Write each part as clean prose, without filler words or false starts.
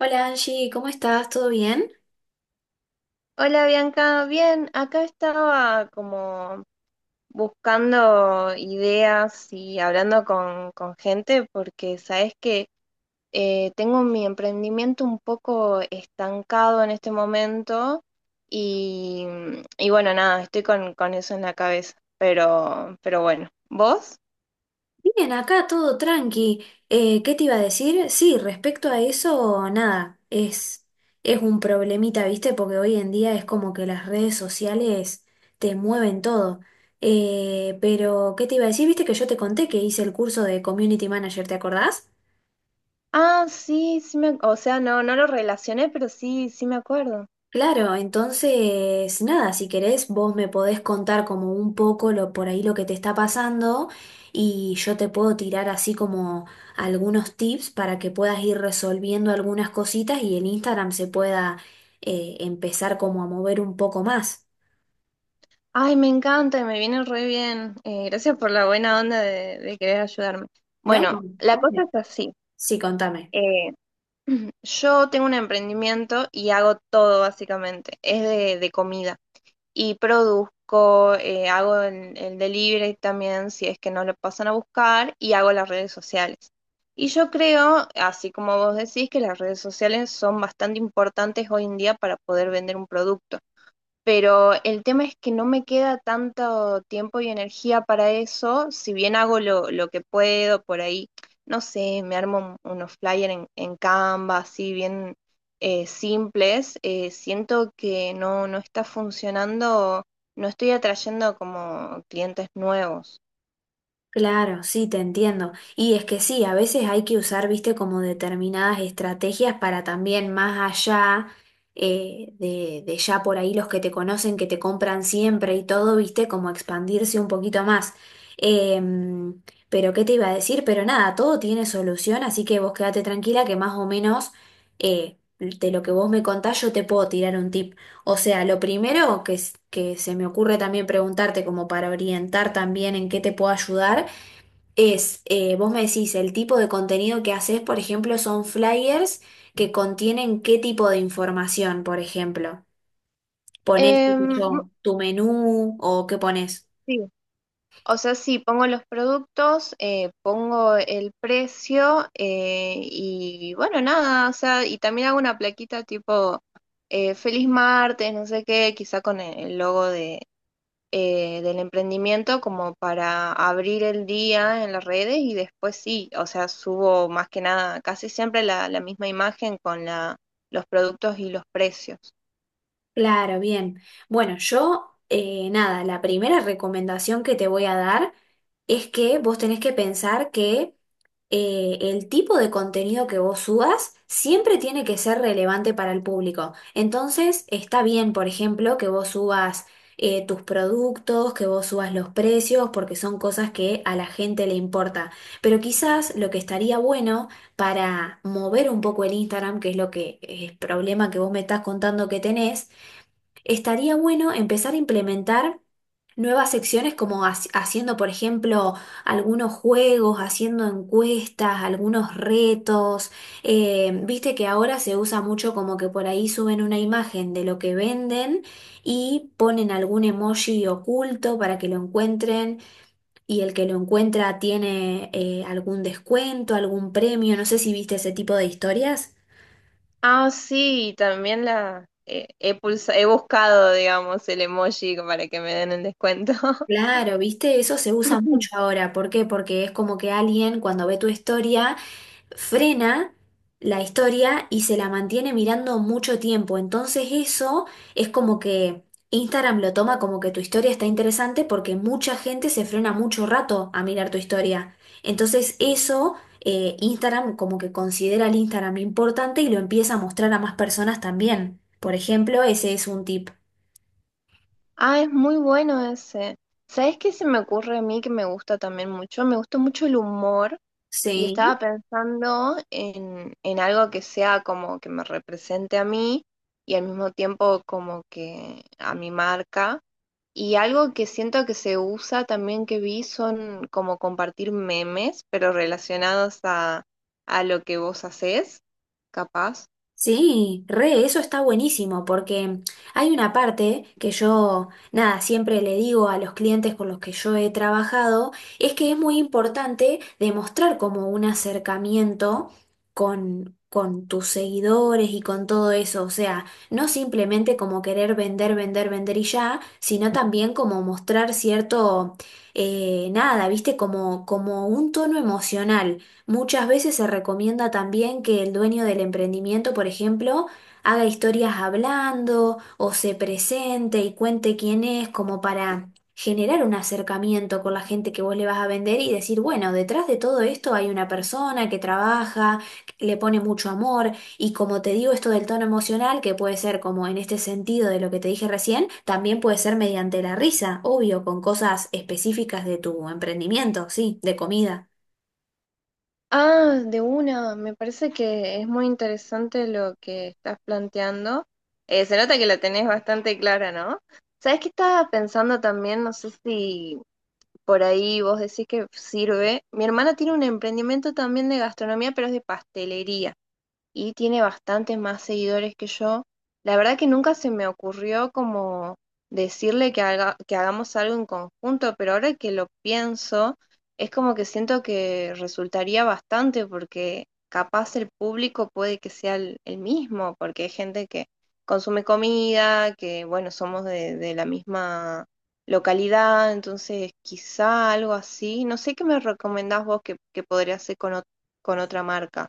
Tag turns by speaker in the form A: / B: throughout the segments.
A: Hola Angie, ¿cómo estás? ¿Todo bien?
B: Hola Bianca, bien, acá estaba como buscando ideas y hablando con gente porque sabes que tengo mi emprendimiento un poco estancado en este momento y, y bueno, nada, estoy con eso en la cabeza, pero bueno, ¿vos?
A: Bien, acá todo tranqui. ¿Qué te iba a decir? Sí, respecto a eso, nada, es un problemita, ¿viste? Porque hoy en día es como que las redes sociales te mueven todo. Pero, ¿qué te iba a decir? ¿Viste que yo te conté que hice el curso de Community Manager, ¿te acordás?
B: Ah, sí, sí me, o sea, no, no lo relacioné, pero sí, sí me acuerdo.
A: Claro, entonces, nada, si querés, vos me podés contar como un poco lo, por ahí lo que te está pasando y yo te puedo tirar así como algunos tips para que puedas ir resolviendo algunas cositas y el Instagram se pueda empezar como a mover un poco más,
B: Ay, me encanta y me viene re bien. Gracias por la buena onda de querer ayudarme.
A: ¿no?
B: Bueno, la cosa
A: Obvio.
B: es así.
A: Sí, contame.
B: Eh, yo tengo un emprendimiento y hago todo básicamente. Es de comida. Y produzco, hago el delivery también si es que no lo pasan a buscar y hago las redes sociales. Y yo creo, así como vos decís, que las redes sociales son bastante importantes hoy en día para poder vender un producto. Pero el tema es que no me queda tanto tiempo y energía para eso, si bien hago lo que puedo por ahí, no sé, me armo unos flyers en Canva, así bien, simples. Siento que no está funcionando, no estoy atrayendo como clientes nuevos.
A: Claro, sí, te entiendo. Y es que sí, a veces hay que usar, viste, como determinadas estrategias para también más allá de ya por ahí los que te conocen, que te compran siempre y todo, viste, como expandirse un poquito más. Em, pero ¿qué te iba a decir? Pero nada, todo tiene solución, así que vos quédate tranquila que más o menos de lo que vos me contás yo te puedo tirar un tip. O sea, lo primero que, que se me ocurre también preguntarte como para orientar también en qué te puedo ayudar es, vos me decís, el tipo de contenido que haces, por ejemplo, son flyers que contienen qué tipo de información, por ejemplo. ¿Ponés, qué sé
B: Em,
A: yo, tu menú o qué ponés?
B: sí. O sea, sí, pongo los productos, pongo el precio, y bueno, nada, o sea, y también hago una plaquita tipo Feliz martes, no sé qué, quizá con el logo de, del emprendimiento como para abrir el día en las redes y después sí, o sea, subo más que nada, casi siempre la misma imagen con la, los productos y los precios.
A: Claro, bien. Bueno, yo, nada, la primera recomendación que te voy a dar es que vos tenés que pensar que el tipo de contenido que vos subas siempre tiene que ser relevante para el público. Entonces, está bien, por ejemplo, que vos subas tus productos, que vos subas los precios, porque son cosas que a la gente le importa. Pero quizás lo que estaría bueno para mover un poco el Instagram, que es lo que es el problema que vos me estás contando que tenés, estaría bueno empezar a implementar nuevas secciones como haciendo, por ejemplo, algunos juegos, haciendo encuestas, algunos retos. Viste que ahora se usa mucho como que por ahí suben una imagen de lo que venden y ponen algún emoji oculto para que lo encuentren y el que lo encuentra tiene algún descuento, algún premio. No sé si viste ese tipo de historias.
B: Ah, sí, también he buscado, digamos, el emoji para que me den el descuento.
A: Claro, viste, eso se usa mucho ahora. ¿Por qué? Porque es como que alguien cuando ve tu historia frena la historia y se la mantiene mirando mucho tiempo. Entonces eso es como que Instagram lo toma como que tu historia está interesante porque mucha gente se frena mucho rato a mirar tu historia. Entonces eso Instagram como que considera el Instagram importante y lo empieza a mostrar a más personas también. Por ejemplo, ese es un tip.
B: Ah, es muy bueno ese. ¿Sabes qué se me ocurre a mí que me gusta también mucho? Me gusta mucho el humor y
A: Sí.
B: estaba pensando en algo que sea como que me represente a mí y al mismo tiempo como que a mi marca. Y algo que siento que se usa también que vi son como compartir memes, pero relacionados a lo que vos hacés, capaz.
A: Sí, re, eso está buenísimo porque hay una parte que yo, nada, siempre le digo a los clientes con los que yo he trabajado, es que es muy importante demostrar como un acercamiento con tus seguidores y con todo eso, o sea, no simplemente como querer vender, vender, vender y ya, sino también como mostrar cierto, nada, viste, como, como un tono emocional. Muchas veces se recomienda también que el dueño del emprendimiento, por ejemplo, haga historias hablando o se presente y cuente quién es, como para generar un acercamiento con la gente que vos le vas a vender y decir, bueno, detrás de todo esto hay una persona que trabaja, que le pone mucho amor y como te digo esto del tono emocional, que puede ser como en este sentido de lo que te dije recién, también puede ser mediante la risa, obvio, con cosas específicas de tu emprendimiento, sí, de comida.
B: Ah, de una, me parece que es muy interesante lo que estás planteando. Se nota que la tenés bastante clara, ¿no? ¿Sabés qué estaba pensando también? No sé si por ahí vos decís que sirve. Mi hermana tiene un emprendimiento también de gastronomía, pero es de pastelería, y tiene bastantes más seguidores que yo. La verdad que nunca se me ocurrió como decirle que que hagamos algo en conjunto, pero ahora que lo pienso, es como que siento que resultaría bastante porque capaz el público puede que sea el mismo, porque hay gente que consume comida, que bueno, somos de la misma localidad, entonces quizá algo así. No sé qué me recomendás vos que podría hacer con, con otra marca.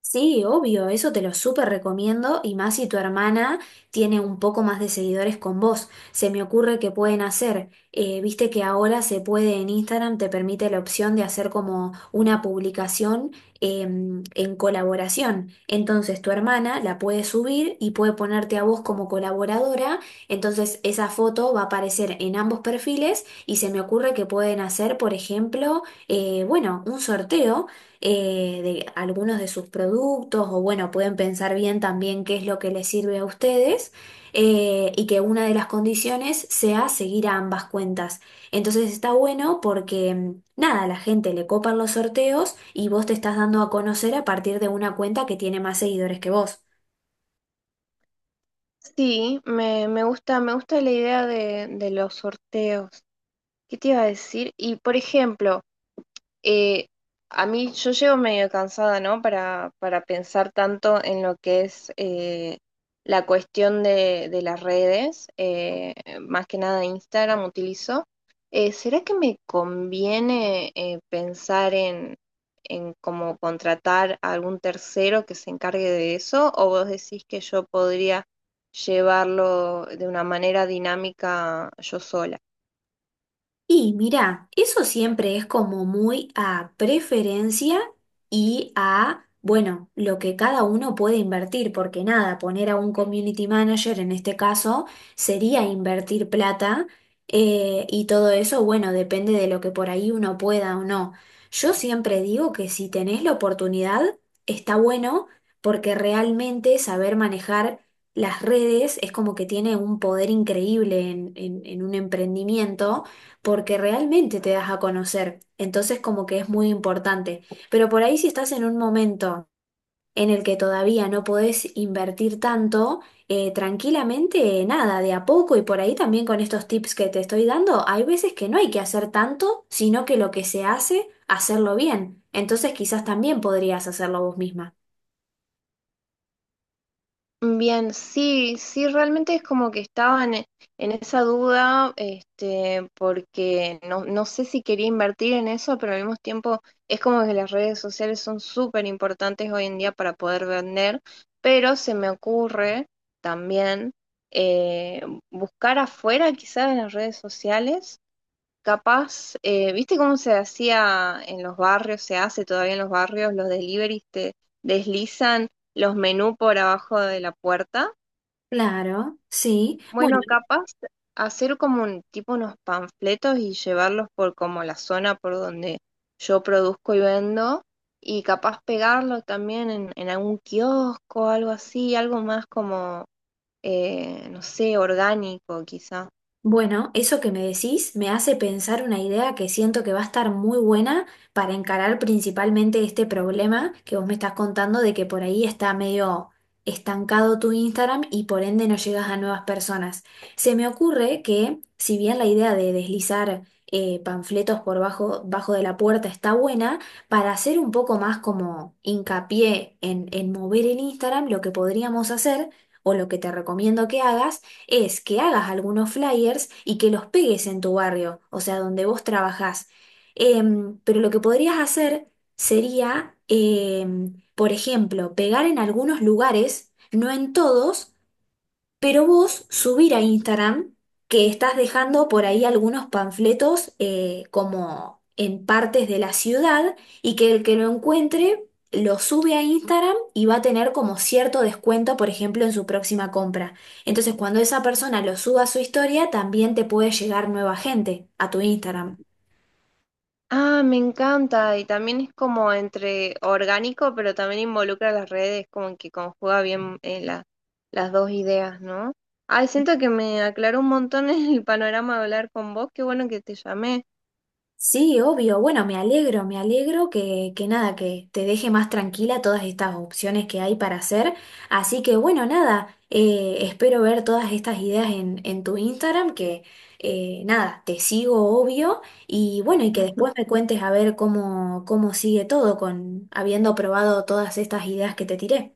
A: Sí, obvio, eso te lo súper recomiendo y más si tu hermana tiene un poco más de seguidores con vos. Se me ocurre que pueden hacer, viste que ahora se puede en Instagram, te permite la opción de hacer como una publicación en colaboración. Entonces tu hermana la puede subir y puede ponerte a vos como colaboradora, entonces esa foto va a aparecer en ambos perfiles y se me ocurre que pueden hacer, por ejemplo, bueno, un sorteo de algunos de sus productos o bueno, pueden pensar bien también qué es lo que les sirve a ustedes y que una de las condiciones sea seguir a ambas cuentas. Entonces está bueno porque nada, a la gente le copan los sorteos y vos te estás dando a conocer a partir de una cuenta que tiene más seguidores que vos.
B: Sí, me gusta la idea de los sorteos. ¿Qué te iba a decir? Y por ejemplo, eh, a mí yo llego medio cansada, ¿no? Para pensar tanto en lo que es, la cuestión de las redes. Más que nada Instagram utilizo. ¿Será que me conviene, pensar en cómo contratar a algún tercero que se encargue de eso? ¿O vos decís que yo podría llevarlo de una manera dinámica yo sola?
A: Y mira, eso siempre es como muy a preferencia y a, bueno, lo que cada uno puede invertir, porque nada, poner a un community manager en este caso sería invertir plata y todo eso, bueno, depende de lo que por ahí uno pueda o no. Yo siempre digo que si tenés la oportunidad, está bueno, porque realmente saber manejar las redes es como que tiene un poder increíble en en un emprendimiento porque realmente te das a conocer, entonces como que es muy importante. Pero por ahí si estás en un momento en el que todavía no podés invertir tanto, tranquilamente nada, de a poco y por ahí también con estos tips que te estoy dando, hay veces que no hay que hacer tanto, sino que lo que se hace, hacerlo bien. Entonces quizás también podrías hacerlo vos misma.
B: Bien, sí, sí, realmente es como que estaba en esa duda, este, porque no sé si quería invertir en eso, pero al mismo tiempo es como que las redes sociales son súper importantes hoy en día para poder vender, pero se me ocurre también, eh, buscar afuera quizás en las redes sociales. Capaz, ¿viste cómo se hacía en los barrios? Se hace todavía en los barrios, los deliveries te deslizan los menús por abajo de la puerta.
A: Claro, sí. Bueno.
B: Bueno, capaz hacer como un tipo unos panfletos y llevarlos por como la zona por donde yo produzco y vendo. Y capaz pegarlo también en algún kiosco, algo así, algo más como, no sé, orgánico quizá.
A: Bueno, eso que me decís me hace pensar una idea que siento que va a estar muy buena para encarar principalmente este problema que vos me estás contando de que por ahí está medio estancado tu Instagram y por ende no llegas a nuevas personas. Se me ocurre que si bien la idea de deslizar panfletos por bajo, bajo de la puerta está buena, para hacer un poco más como hincapié en mover el Instagram, lo que podríamos hacer o lo que te recomiendo que hagas, es que hagas algunos flyers y que los pegues en tu barrio, o sea, donde vos trabajás. Pero lo que podrías hacer sería, por ejemplo, pegar en algunos lugares, no en todos, pero vos subir a Instagram que estás dejando por ahí algunos panfletos como en partes de la ciudad y que el que lo encuentre lo sube a Instagram y va a tener como cierto descuento, por ejemplo, en su próxima compra. Entonces, cuando esa persona lo suba a su historia, también te puede llegar nueva gente a tu Instagram.
B: Ah, me encanta. Y también es como entre orgánico, pero también involucra las redes, como que conjuga bien, las dos ideas, ¿no? Ay, siento que me aclaró un montón el panorama de hablar con vos. Qué bueno que te llamé.
A: Sí, obvio. Bueno, me alegro que nada, que te deje más tranquila todas estas opciones que hay para hacer. Así que bueno, nada, espero ver todas estas ideas en tu Instagram, que nada, te sigo obvio. Y bueno, y que después me cuentes a ver cómo, cómo sigue todo con habiendo probado todas estas ideas que te tiré.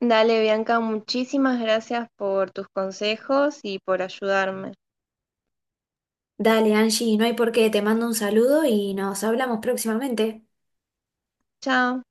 B: Dale, Bianca, muchísimas gracias por tus consejos y por ayudarme.
A: Dale, Angie, no hay por qué, te mando un saludo y nos hablamos próximamente.
B: Chao.